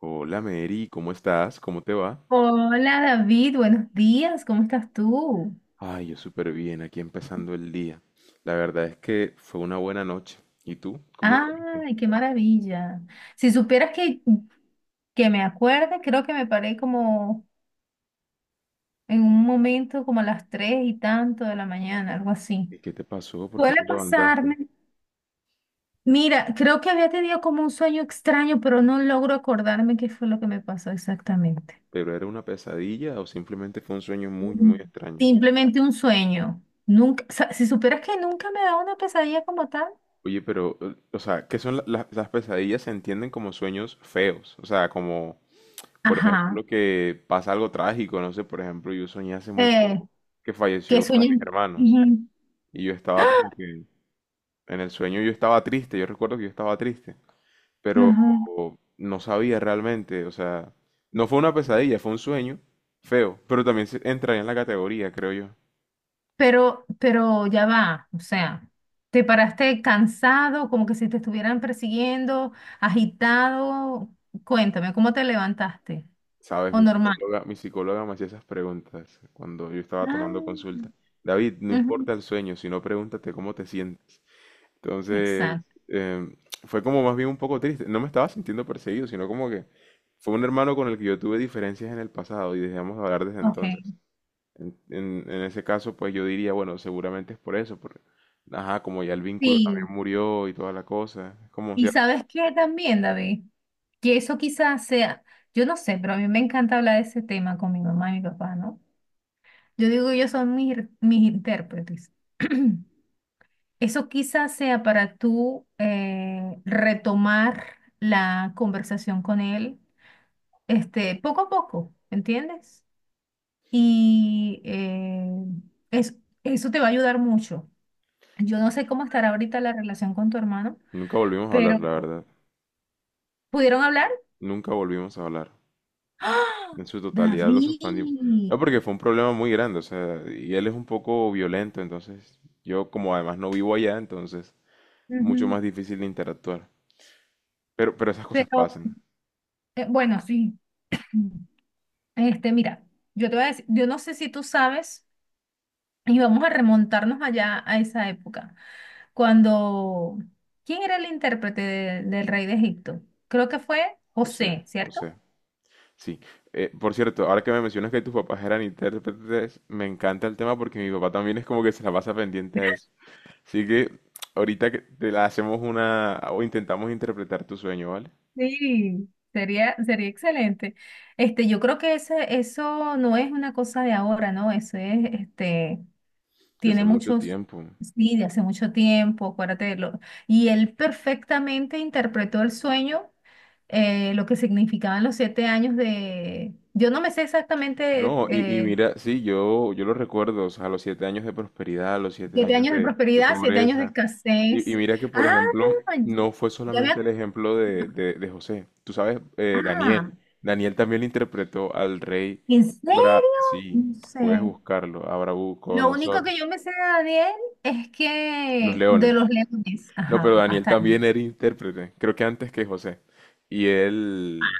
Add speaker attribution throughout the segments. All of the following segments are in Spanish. Speaker 1: Hola Mary, ¿cómo estás? ¿Cómo te va?
Speaker 2: Hola David, buenos días, ¿cómo estás tú?
Speaker 1: Ay, yo súper bien, aquí empezando el día. La verdad es que fue una buena noche. ¿Y tú? ¿Cómo dormiste?
Speaker 2: Ay, qué maravilla. Si supieras que me acuerde, creo que me paré como en un momento como a las 3 y tanto de la mañana, algo así.
Speaker 1: ¿Y qué te pasó? ¿Por qué
Speaker 2: Suele
Speaker 1: te levantaste?
Speaker 2: pasarme. Mira, creo que había tenido como un sueño extraño, pero no logro acordarme qué fue lo que me pasó exactamente.
Speaker 1: ¿Pero era una pesadilla o simplemente fue un sueño muy,
Speaker 2: Mm.
Speaker 1: muy extraño?
Speaker 2: Simplemente un sueño. Nunca, o sea, si supieras que nunca me da una pesadilla como tal.
Speaker 1: Oye, pero, o sea, ¿qué son las pesadillas? Se entienden como sueños feos. O sea, como, por
Speaker 2: Ajá.
Speaker 1: ejemplo, que pasa algo trágico. No sé, por ejemplo, yo soñé hace muy
Speaker 2: Eh,
Speaker 1: poco que
Speaker 2: que
Speaker 1: falleció uno de mis
Speaker 2: sueño.
Speaker 1: hermanos. Y yo estaba como que... En el sueño yo estaba triste, yo recuerdo que yo estaba triste, pero
Speaker 2: Ajá.
Speaker 1: no sabía realmente, o sea, no fue una pesadilla, fue un sueño feo, pero también entraría en la categoría, creo yo.
Speaker 2: Pero ya va, o sea, te paraste cansado, como que si te estuvieran persiguiendo, agitado. Cuéntame, ¿cómo te levantaste?
Speaker 1: Sabes,
Speaker 2: ¿O
Speaker 1: mi
Speaker 2: normal?
Speaker 1: psicóloga, mi psicóloga me hacía esas preguntas cuando yo estaba tomando
Speaker 2: Ah.
Speaker 1: consulta. David, no
Speaker 2: Ujú.
Speaker 1: importa el sueño, sino pregúntate cómo te sientes. Entonces,
Speaker 2: Exacto.
Speaker 1: em, fue como más bien un poco triste. No me estaba sintiendo perseguido, sino como que fue un hermano con el que yo tuve diferencias en el pasado y dejamos de hablar desde
Speaker 2: Ok.
Speaker 1: entonces. En ese caso, pues yo diría, bueno, seguramente es por eso, porque, ajá, como ya el vínculo también
Speaker 2: Sí.
Speaker 1: murió y toda la cosa, es como
Speaker 2: ¿Y
Speaker 1: cierto.
Speaker 2: sabes qué también, David? Que eso quizás sea, yo no sé, pero a mí me encanta hablar de ese tema con mi mamá y mi papá, ¿no? Yo digo, ellos son mis intérpretes. Eso quizás sea para tú retomar la conversación con él, este, poco a poco, ¿entiendes? Y es- eso te va a ayudar mucho. Yo no sé cómo estará ahorita la relación con tu hermano,
Speaker 1: Nunca volvimos a hablar,
Speaker 2: pero
Speaker 1: la verdad.
Speaker 2: ¿pudieron hablar?
Speaker 1: Nunca volvimos a hablar.
Speaker 2: ¡Ah!
Speaker 1: En su totalidad lo suspendimos. No,
Speaker 2: David.
Speaker 1: porque fue un problema muy grande, o sea, y él es un poco violento, entonces yo como además no vivo allá, entonces mucho
Speaker 2: Ujú.
Speaker 1: más difícil de interactuar. Pero esas cosas
Speaker 2: Pero
Speaker 1: pasan.
Speaker 2: bueno, sí. Este, mira, yo te voy a decir, yo no sé si tú sabes, y vamos a remontarnos allá a esa época. Cuando, ¿quién era el intérprete del rey de Egipto? Creo que fue José, ¿cierto?
Speaker 1: José. Sí, por cierto, ahora que me mencionas que tus papás eran intérpretes, me encanta el tema porque mi papá también es como que se la pasa pendiente a eso. Así que ahorita que te la hacemos una o intentamos interpretar tu sueño, ¿vale?
Speaker 2: Sí. Sería excelente. Este, yo creo que eso no es una cosa de ahora, ¿no? Eso es, este,
Speaker 1: Desde hace
Speaker 2: tiene
Speaker 1: mucho
Speaker 2: muchos,
Speaker 1: tiempo.
Speaker 2: sí, de hace mucho tiempo, acuérdate de lo. Y él perfectamente interpretó el sueño, lo que significaban los 7 años de. Yo no me sé exactamente
Speaker 1: No, y mira, sí, yo lo recuerdo, o sea, los 7 años de prosperidad, los siete
Speaker 2: 7
Speaker 1: años
Speaker 2: años de
Speaker 1: de
Speaker 2: prosperidad, 7 años de
Speaker 1: pobreza. Y
Speaker 2: escasez.
Speaker 1: mira que, por
Speaker 2: Ah,
Speaker 1: ejemplo, no fue
Speaker 2: ya me.
Speaker 1: solamente el ejemplo de José. Tú sabes,
Speaker 2: Ah,
Speaker 1: Daniel. Daniel también interpretó al rey
Speaker 2: ¿en serio?
Speaker 1: Sí,
Speaker 2: No
Speaker 1: puedes
Speaker 2: sé.
Speaker 1: buscarlo, a
Speaker 2: Lo único
Speaker 1: Nabucodonosor,
Speaker 2: que yo me sé de Daniel es
Speaker 1: los
Speaker 2: que de
Speaker 1: leones.
Speaker 2: los leones.
Speaker 1: No, pero
Speaker 2: Ajá,
Speaker 1: Daniel
Speaker 2: hasta ahí.
Speaker 1: también era intérprete, creo que antes que José. Y él,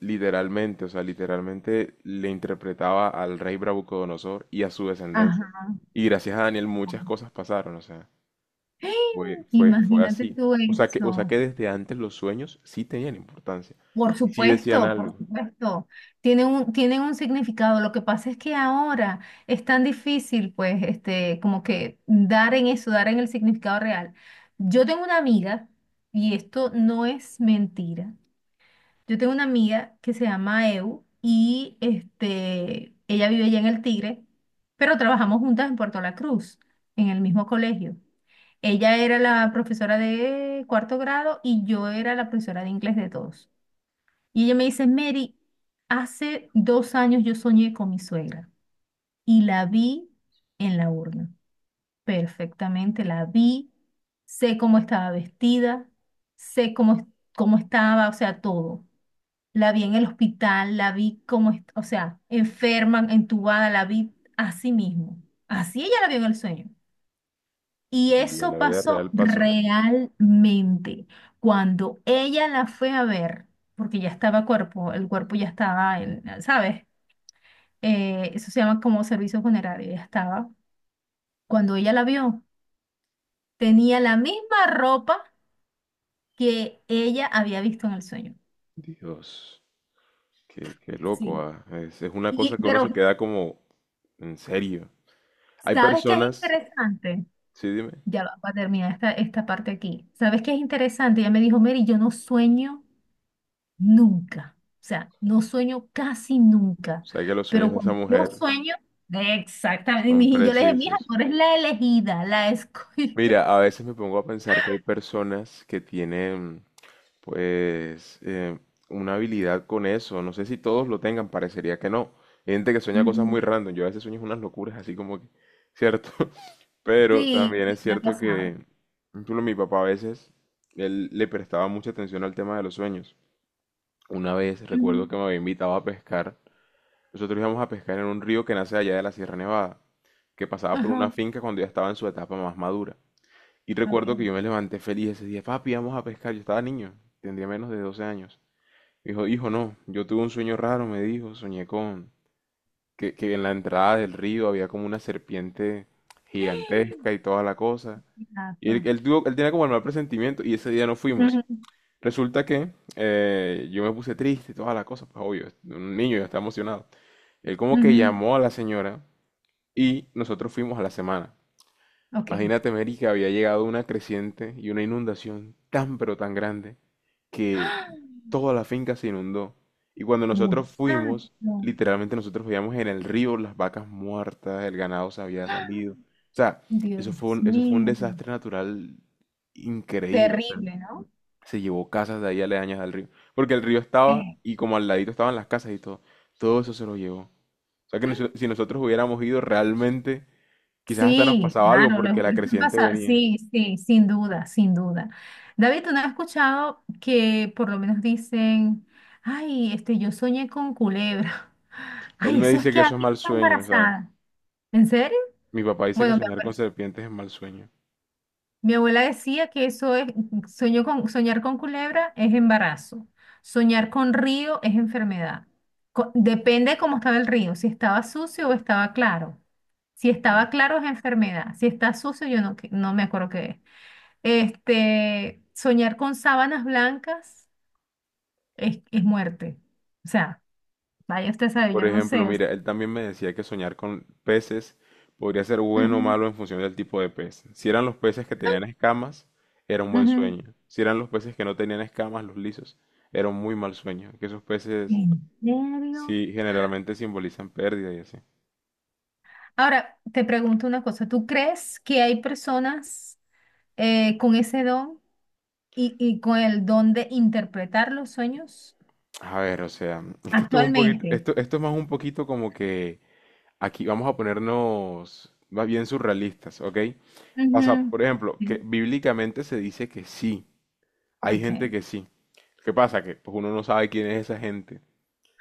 Speaker 1: literalmente, o sea, literalmente le interpretaba al rey Nabucodonosor y a su descendencia.
Speaker 2: Ajá.
Speaker 1: Y gracias a Daniel muchas cosas pasaron, o sea,
Speaker 2: ¡Ay!
Speaker 1: fue
Speaker 2: Imagínate
Speaker 1: así.
Speaker 2: tú
Speaker 1: O sea que
Speaker 2: eso.
Speaker 1: desde antes los sueños sí tenían importancia,
Speaker 2: Por
Speaker 1: sí decían
Speaker 2: supuesto, por
Speaker 1: algo.
Speaker 2: supuesto. Tienen un significado. Lo que pasa es que ahora es tan difícil, pues, este, como que dar en eso, dar en el significado real. Yo tengo una amiga, y esto no es mentira. Yo tengo una amiga que se llama Eu, y este, ella vive allá en El Tigre, pero trabajamos juntas en Puerto La Cruz, en el mismo colegio. Ella era la profesora de cuarto grado y yo era la profesora de inglés de todos. Y ella me dice, Mary, hace 2 años yo soñé con mi suegra y la vi en la urna. Perfectamente, la vi, sé cómo estaba vestida, sé cómo, cómo estaba, o sea, todo. La vi en el hospital, la vi como, o sea, enferma, entubada, la vi así mismo. Así ella la vio en el sueño. Y
Speaker 1: Y en
Speaker 2: eso
Speaker 1: la vida
Speaker 2: pasó
Speaker 1: real pasó.
Speaker 2: realmente. Cuando ella la fue a ver, porque el cuerpo ya estaba en, ¿sabes? Eso se llama como servicio funerario, ya estaba. Cuando ella la vio, tenía la misma ropa que ella había visto en el sueño.
Speaker 1: Dios, qué loco,
Speaker 2: Sí.
Speaker 1: ah. Es una
Speaker 2: Y,
Speaker 1: cosa que uno
Speaker 2: pero,
Speaker 1: se queda como, en serio. Hay
Speaker 2: ¿sabes qué es
Speaker 1: personas,
Speaker 2: interesante?
Speaker 1: sí, dime,
Speaker 2: Ya va, va a terminar esta parte aquí. ¿Sabes qué es interesante? Ella me dijo, Mary, yo no sueño nunca. O sea, no sueño casi
Speaker 1: o
Speaker 2: nunca.
Speaker 1: sea que los sueños
Speaker 2: Pero
Speaker 1: de esa
Speaker 2: cuando yo
Speaker 1: mujer
Speaker 2: sueño, exactamente. Y
Speaker 1: son
Speaker 2: yo le dije, mija,
Speaker 1: precisos.
Speaker 2: tú eres la elegida, la escogida.
Speaker 1: Mira, a veces me pongo a pensar que hay personas que tienen, pues, una habilidad con eso. No sé si todos lo tengan, parecería que no. Hay gente que sueña cosas muy
Speaker 2: Ujú.
Speaker 1: random. Yo a veces sueño unas locuras, así como que, ¿cierto? Pero
Speaker 2: Sí,
Speaker 1: también es
Speaker 2: me ha
Speaker 1: cierto
Speaker 2: pasado.
Speaker 1: que, incluso mi papá a veces, él le prestaba mucha atención al tema de los sueños. Una vez recuerdo
Speaker 2: Ujú.
Speaker 1: que me había invitado a pescar. Nosotros íbamos a pescar en un río que nace allá de la Sierra Nevada, que pasaba por
Speaker 2: Ajá,
Speaker 1: una finca cuando ya estaba en su etapa más madura. Y recuerdo
Speaker 2: ok.
Speaker 1: que yo me levanté feliz ese día, papi, vamos a pescar. Yo estaba niño, tendría menos de 12 años. Me dijo, hijo, no, yo tuve un sueño raro, me dijo, soñé con que en la entrada del río había como una serpiente gigantesca y toda la cosa. Y
Speaker 2: Gato.
Speaker 1: él tenía como el mal presentimiento y ese día no fuimos.
Speaker 2: Ujú,
Speaker 1: Resulta que yo me puse triste y toda la cosa, pues obvio, un niño yo estaba emocionado. Él como que
Speaker 2: ujú.
Speaker 1: llamó a la señora y nosotros fuimos a la semana.
Speaker 2: Ok.
Speaker 1: Imagínate, Mary, que había llegado una creciente y una inundación tan pero tan grande que
Speaker 2: ¡Ah!
Speaker 1: toda la finca se inundó. Y cuando nosotros
Speaker 2: Muchacho.
Speaker 1: fuimos, literalmente nosotros veíamos en el río las vacas muertas, el ganado se había
Speaker 2: ¡Ah!
Speaker 1: salido. O sea,
Speaker 2: Dios
Speaker 1: eso fue un
Speaker 2: mío.
Speaker 1: desastre natural increíble. O sea,
Speaker 2: Terrible, ¿no?
Speaker 1: se llevó casas de ahí aledañas al río. Porque el río estaba y como al ladito estaban las casas y todo. Todo eso se lo llevó. O sea que si nosotros hubiéramos ido realmente, quizás hasta nos
Speaker 2: Sí,
Speaker 1: pasaba algo
Speaker 2: claro, los
Speaker 1: porque la creciente
Speaker 2: pasa,
Speaker 1: venía.
Speaker 2: sí, sí, sin duda, sin duda. David, ¿tú no has escuchado que por lo menos dicen, ay, este, yo soñé con culebra?
Speaker 1: Él
Speaker 2: Ay,
Speaker 1: me
Speaker 2: eso es
Speaker 1: dice que
Speaker 2: que
Speaker 1: eso es
Speaker 2: alguien
Speaker 1: mal
Speaker 2: está
Speaker 1: sueño, ¿sabes?
Speaker 2: embarazada. ¿En serio?
Speaker 1: Mi papá dice que
Speaker 2: Bueno, me
Speaker 1: soñar con
Speaker 2: acuerdo.
Speaker 1: serpientes es mal sueño.
Speaker 2: Mi abuela decía que eso es, sueño con, soñar con culebra es embarazo, soñar con río es enfermedad. Depende de cómo estaba el río, si estaba sucio o estaba claro. Si
Speaker 1: Ok.
Speaker 2: estaba claro es enfermedad, si está sucio yo no, no me acuerdo qué es. Este, soñar con sábanas blancas es muerte. O sea, vaya usted sabe, yo
Speaker 1: Por
Speaker 2: no
Speaker 1: ejemplo,
Speaker 2: sé. O sea,
Speaker 1: mira, él también me decía que soñar con peces podría ser bueno o
Speaker 2: ujú,
Speaker 1: malo en función del tipo de pez. Si eran los peces que tenían escamas, era un buen
Speaker 2: ujú.
Speaker 1: sueño. Si eran los peces que no tenían escamas, los lisos, era un muy mal sueño. Que esos peces
Speaker 2: ¿En serio?
Speaker 1: sí generalmente simbolizan pérdida y así.
Speaker 2: Ahora, te pregunto una cosa, ¿tú crees que hay personas, con ese don y con el don de interpretar los sueños
Speaker 1: A ver, o sea, es que esto es un poquito,
Speaker 2: actualmente?
Speaker 1: esto es más un poquito como que aquí vamos a ponernos más bien surrealistas, ¿ok? Pasa,
Speaker 2: Ujú.
Speaker 1: por ejemplo, que
Speaker 2: Sí,
Speaker 1: bíblicamente se dice que sí, hay gente
Speaker 2: ok.
Speaker 1: que sí. ¿Qué pasa? Que pues, uno no sabe quién es esa gente,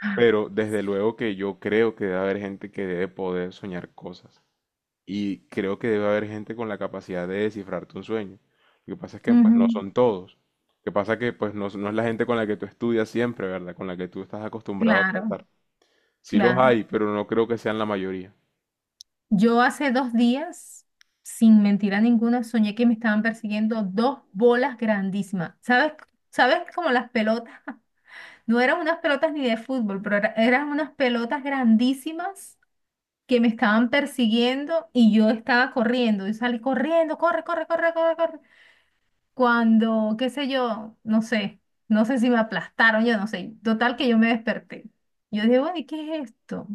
Speaker 2: Ah.
Speaker 1: pero desde luego que yo creo que debe haber gente que debe poder soñar cosas y creo que debe haber gente con la capacidad de descifrarte un sueño. Lo que pasa es que pues
Speaker 2: Ujú.
Speaker 1: no son todos. Lo que pasa es que pues no, no es la gente con la que tú estudias siempre, ¿verdad? Con la que tú estás acostumbrado a
Speaker 2: Claro,
Speaker 1: tratar. Sí los
Speaker 2: claro.
Speaker 1: hay, pero no creo que sean la mayoría.
Speaker 2: Yo hace 2 días, sin mentira ninguna, soñé que me estaban persiguiendo dos bolas grandísimas. ¿Sabes? ¿Sabes como las pelotas? No eran unas pelotas ni de fútbol, pero eran unas pelotas grandísimas que me estaban persiguiendo y yo estaba corriendo. Yo salí corriendo, corre, corre, corre, corre, corre. Cuando, qué sé yo, no sé, no sé si me aplastaron, yo no sé. Total que yo me desperté. Yo dije, bueno, ¿y qué es esto?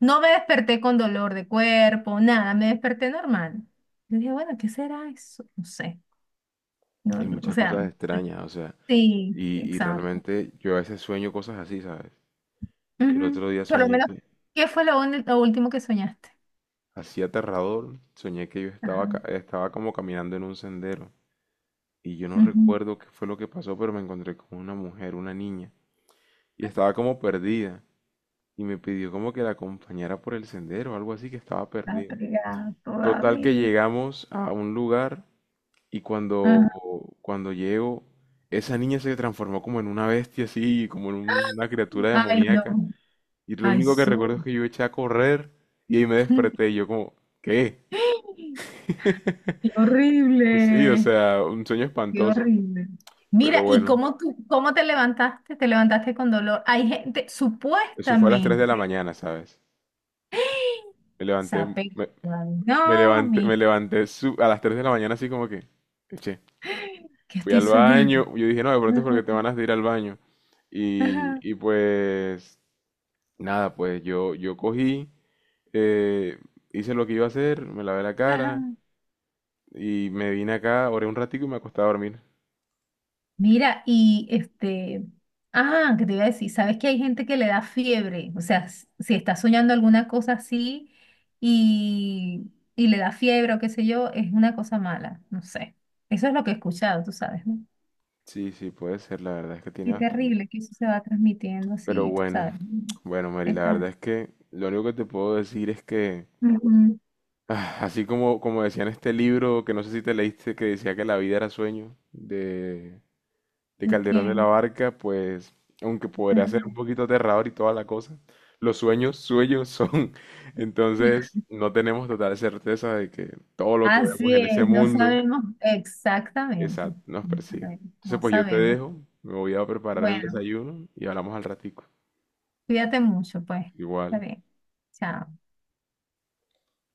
Speaker 2: No me desperté con dolor de cuerpo, nada, me desperté normal. Yo dije, bueno, ¿qué será eso? No sé. No,
Speaker 1: Y
Speaker 2: no, o
Speaker 1: muchas
Speaker 2: sea,
Speaker 1: cosas
Speaker 2: no sé.
Speaker 1: extrañas, o sea,
Speaker 2: Sí,
Speaker 1: y
Speaker 2: exacto.
Speaker 1: realmente yo a veces sueño cosas así, ¿sabes? El
Speaker 2: Ujú.
Speaker 1: otro día
Speaker 2: Por lo
Speaker 1: soñé
Speaker 2: menos,
Speaker 1: que,
Speaker 2: ¿qué fue lo último que soñaste?
Speaker 1: así aterrador, soñé que yo
Speaker 2: Ajá.
Speaker 1: estaba como caminando en un sendero y yo no
Speaker 2: Ujú.
Speaker 1: recuerdo qué fue lo que pasó, pero me encontré con una mujer, una niña, y estaba como perdida y me pidió como que la acompañara por el sendero, algo así que estaba
Speaker 2: La
Speaker 1: perdida.
Speaker 2: pegada
Speaker 1: Total que
Speaker 2: todavía.
Speaker 1: llegamos a un lugar y
Speaker 2: Ajá.
Speaker 1: cuando llego... Esa niña se transformó como en una bestia así, como en una criatura
Speaker 2: Ay, no.
Speaker 1: demoníaca. Y lo
Speaker 2: Ay,
Speaker 1: único que recuerdo es
Speaker 2: su.
Speaker 1: que yo eché a correr y ahí me desperté y yo como, ¿qué?
Speaker 2: Qué
Speaker 1: Pues sí, o
Speaker 2: horrible,
Speaker 1: sea, un sueño
Speaker 2: qué
Speaker 1: espantoso.
Speaker 2: horrible.
Speaker 1: Pero
Speaker 2: Mira, ¿y
Speaker 1: bueno,
Speaker 2: cómo te levantaste? Te levantaste con dolor. Hay gente,
Speaker 1: eso fue a las 3 de la
Speaker 2: supuestamente,
Speaker 1: mañana, ¿sabes? Me levanté,
Speaker 2: sape.
Speaker 1: me, me
Speaker 2: No, mi,
Speaker 1: a las 3 de la mañana así como que, eché
Speaker 2: que
Speaker 1: fui
Speaker 2: estoy
Speaker 1: al
Speaker 2: soñando.
Speaker 1: baño. Yo dije, no, de pronto es
Speaker 2: Ajá,
Speaker 1: porque te van a ir al baño.
Speaker 2: ajá,
Speaker 1: Y pues, nada, pues yo cogí, eh, hice lo que iba a hacer, me lavé la cara
Speaker 2: ajá.
Speaker 1: y me vine acá, oré un ratico y me acosté a dormir.
Speaker 2: Mira, y este, ah, qué te iba a decir, sabes que hay gente que le da fiebre, o sea, si está soñando alguna cosa así y le da fiebre o qué sé yo, es una cosa mala, no sé. Eso es lo que he escuchado, tú sabes, ¿no?
Speaker 1: Sí, sí, puede ser, la verdad es que tiene
Speaker 2: Qué
Speaker 1: bastante.
Speaker 2: terrible que eso se va transmitiendo
Speaker 1: Pero
Speaker 2: así, tú
Speaker 1: bueno,
Speaker 2: sabes.
Speaker 1: bueno, Mary, la
Speaker 2: Esa.
Speaker 1: verdad es que lo único que te puedo decir es que,
Speaker 2: Ujú.
Speaker 1: ah, así como, como decía en este libro, que no sé si te leíste, que decía que la vida era sueño, de
Speaker 2: ¿De
Speaker 1: Calderón de la
Speaker 2: quién?
Speaker 1: Barca, pues, aunque podría ser un
Speaker 2: Ujú.
Speaker 1: poquito aterrador y toda la cosa, los sueños, sueños son. Entonces, no tenemos total certeza de que todo lo que vemos
Speaker 2: Así
Speaker 1: en ese
Speaker 2: es, no
Speaker 1: mundo
Speaker 2: sabemos exactamente.
Speaker 1: exacto, nos
Speaker 2: No
Speaker 1: persiga.
Speaker 2: sabemos.
Speaker 1: Entonces,
Speaker 2: No
Speaker 1: pues yo te
Speaker 2: sabemos.
Speaker 1: dejo, me voy a preparar el
Speaker 2: Bueno,
Speaker 1: desayuno y hablamos al ratico.
Speaker 2: cuídate mucho, pues. Está
Speaker 1: Igual.
Speaker 2: bien. Chao.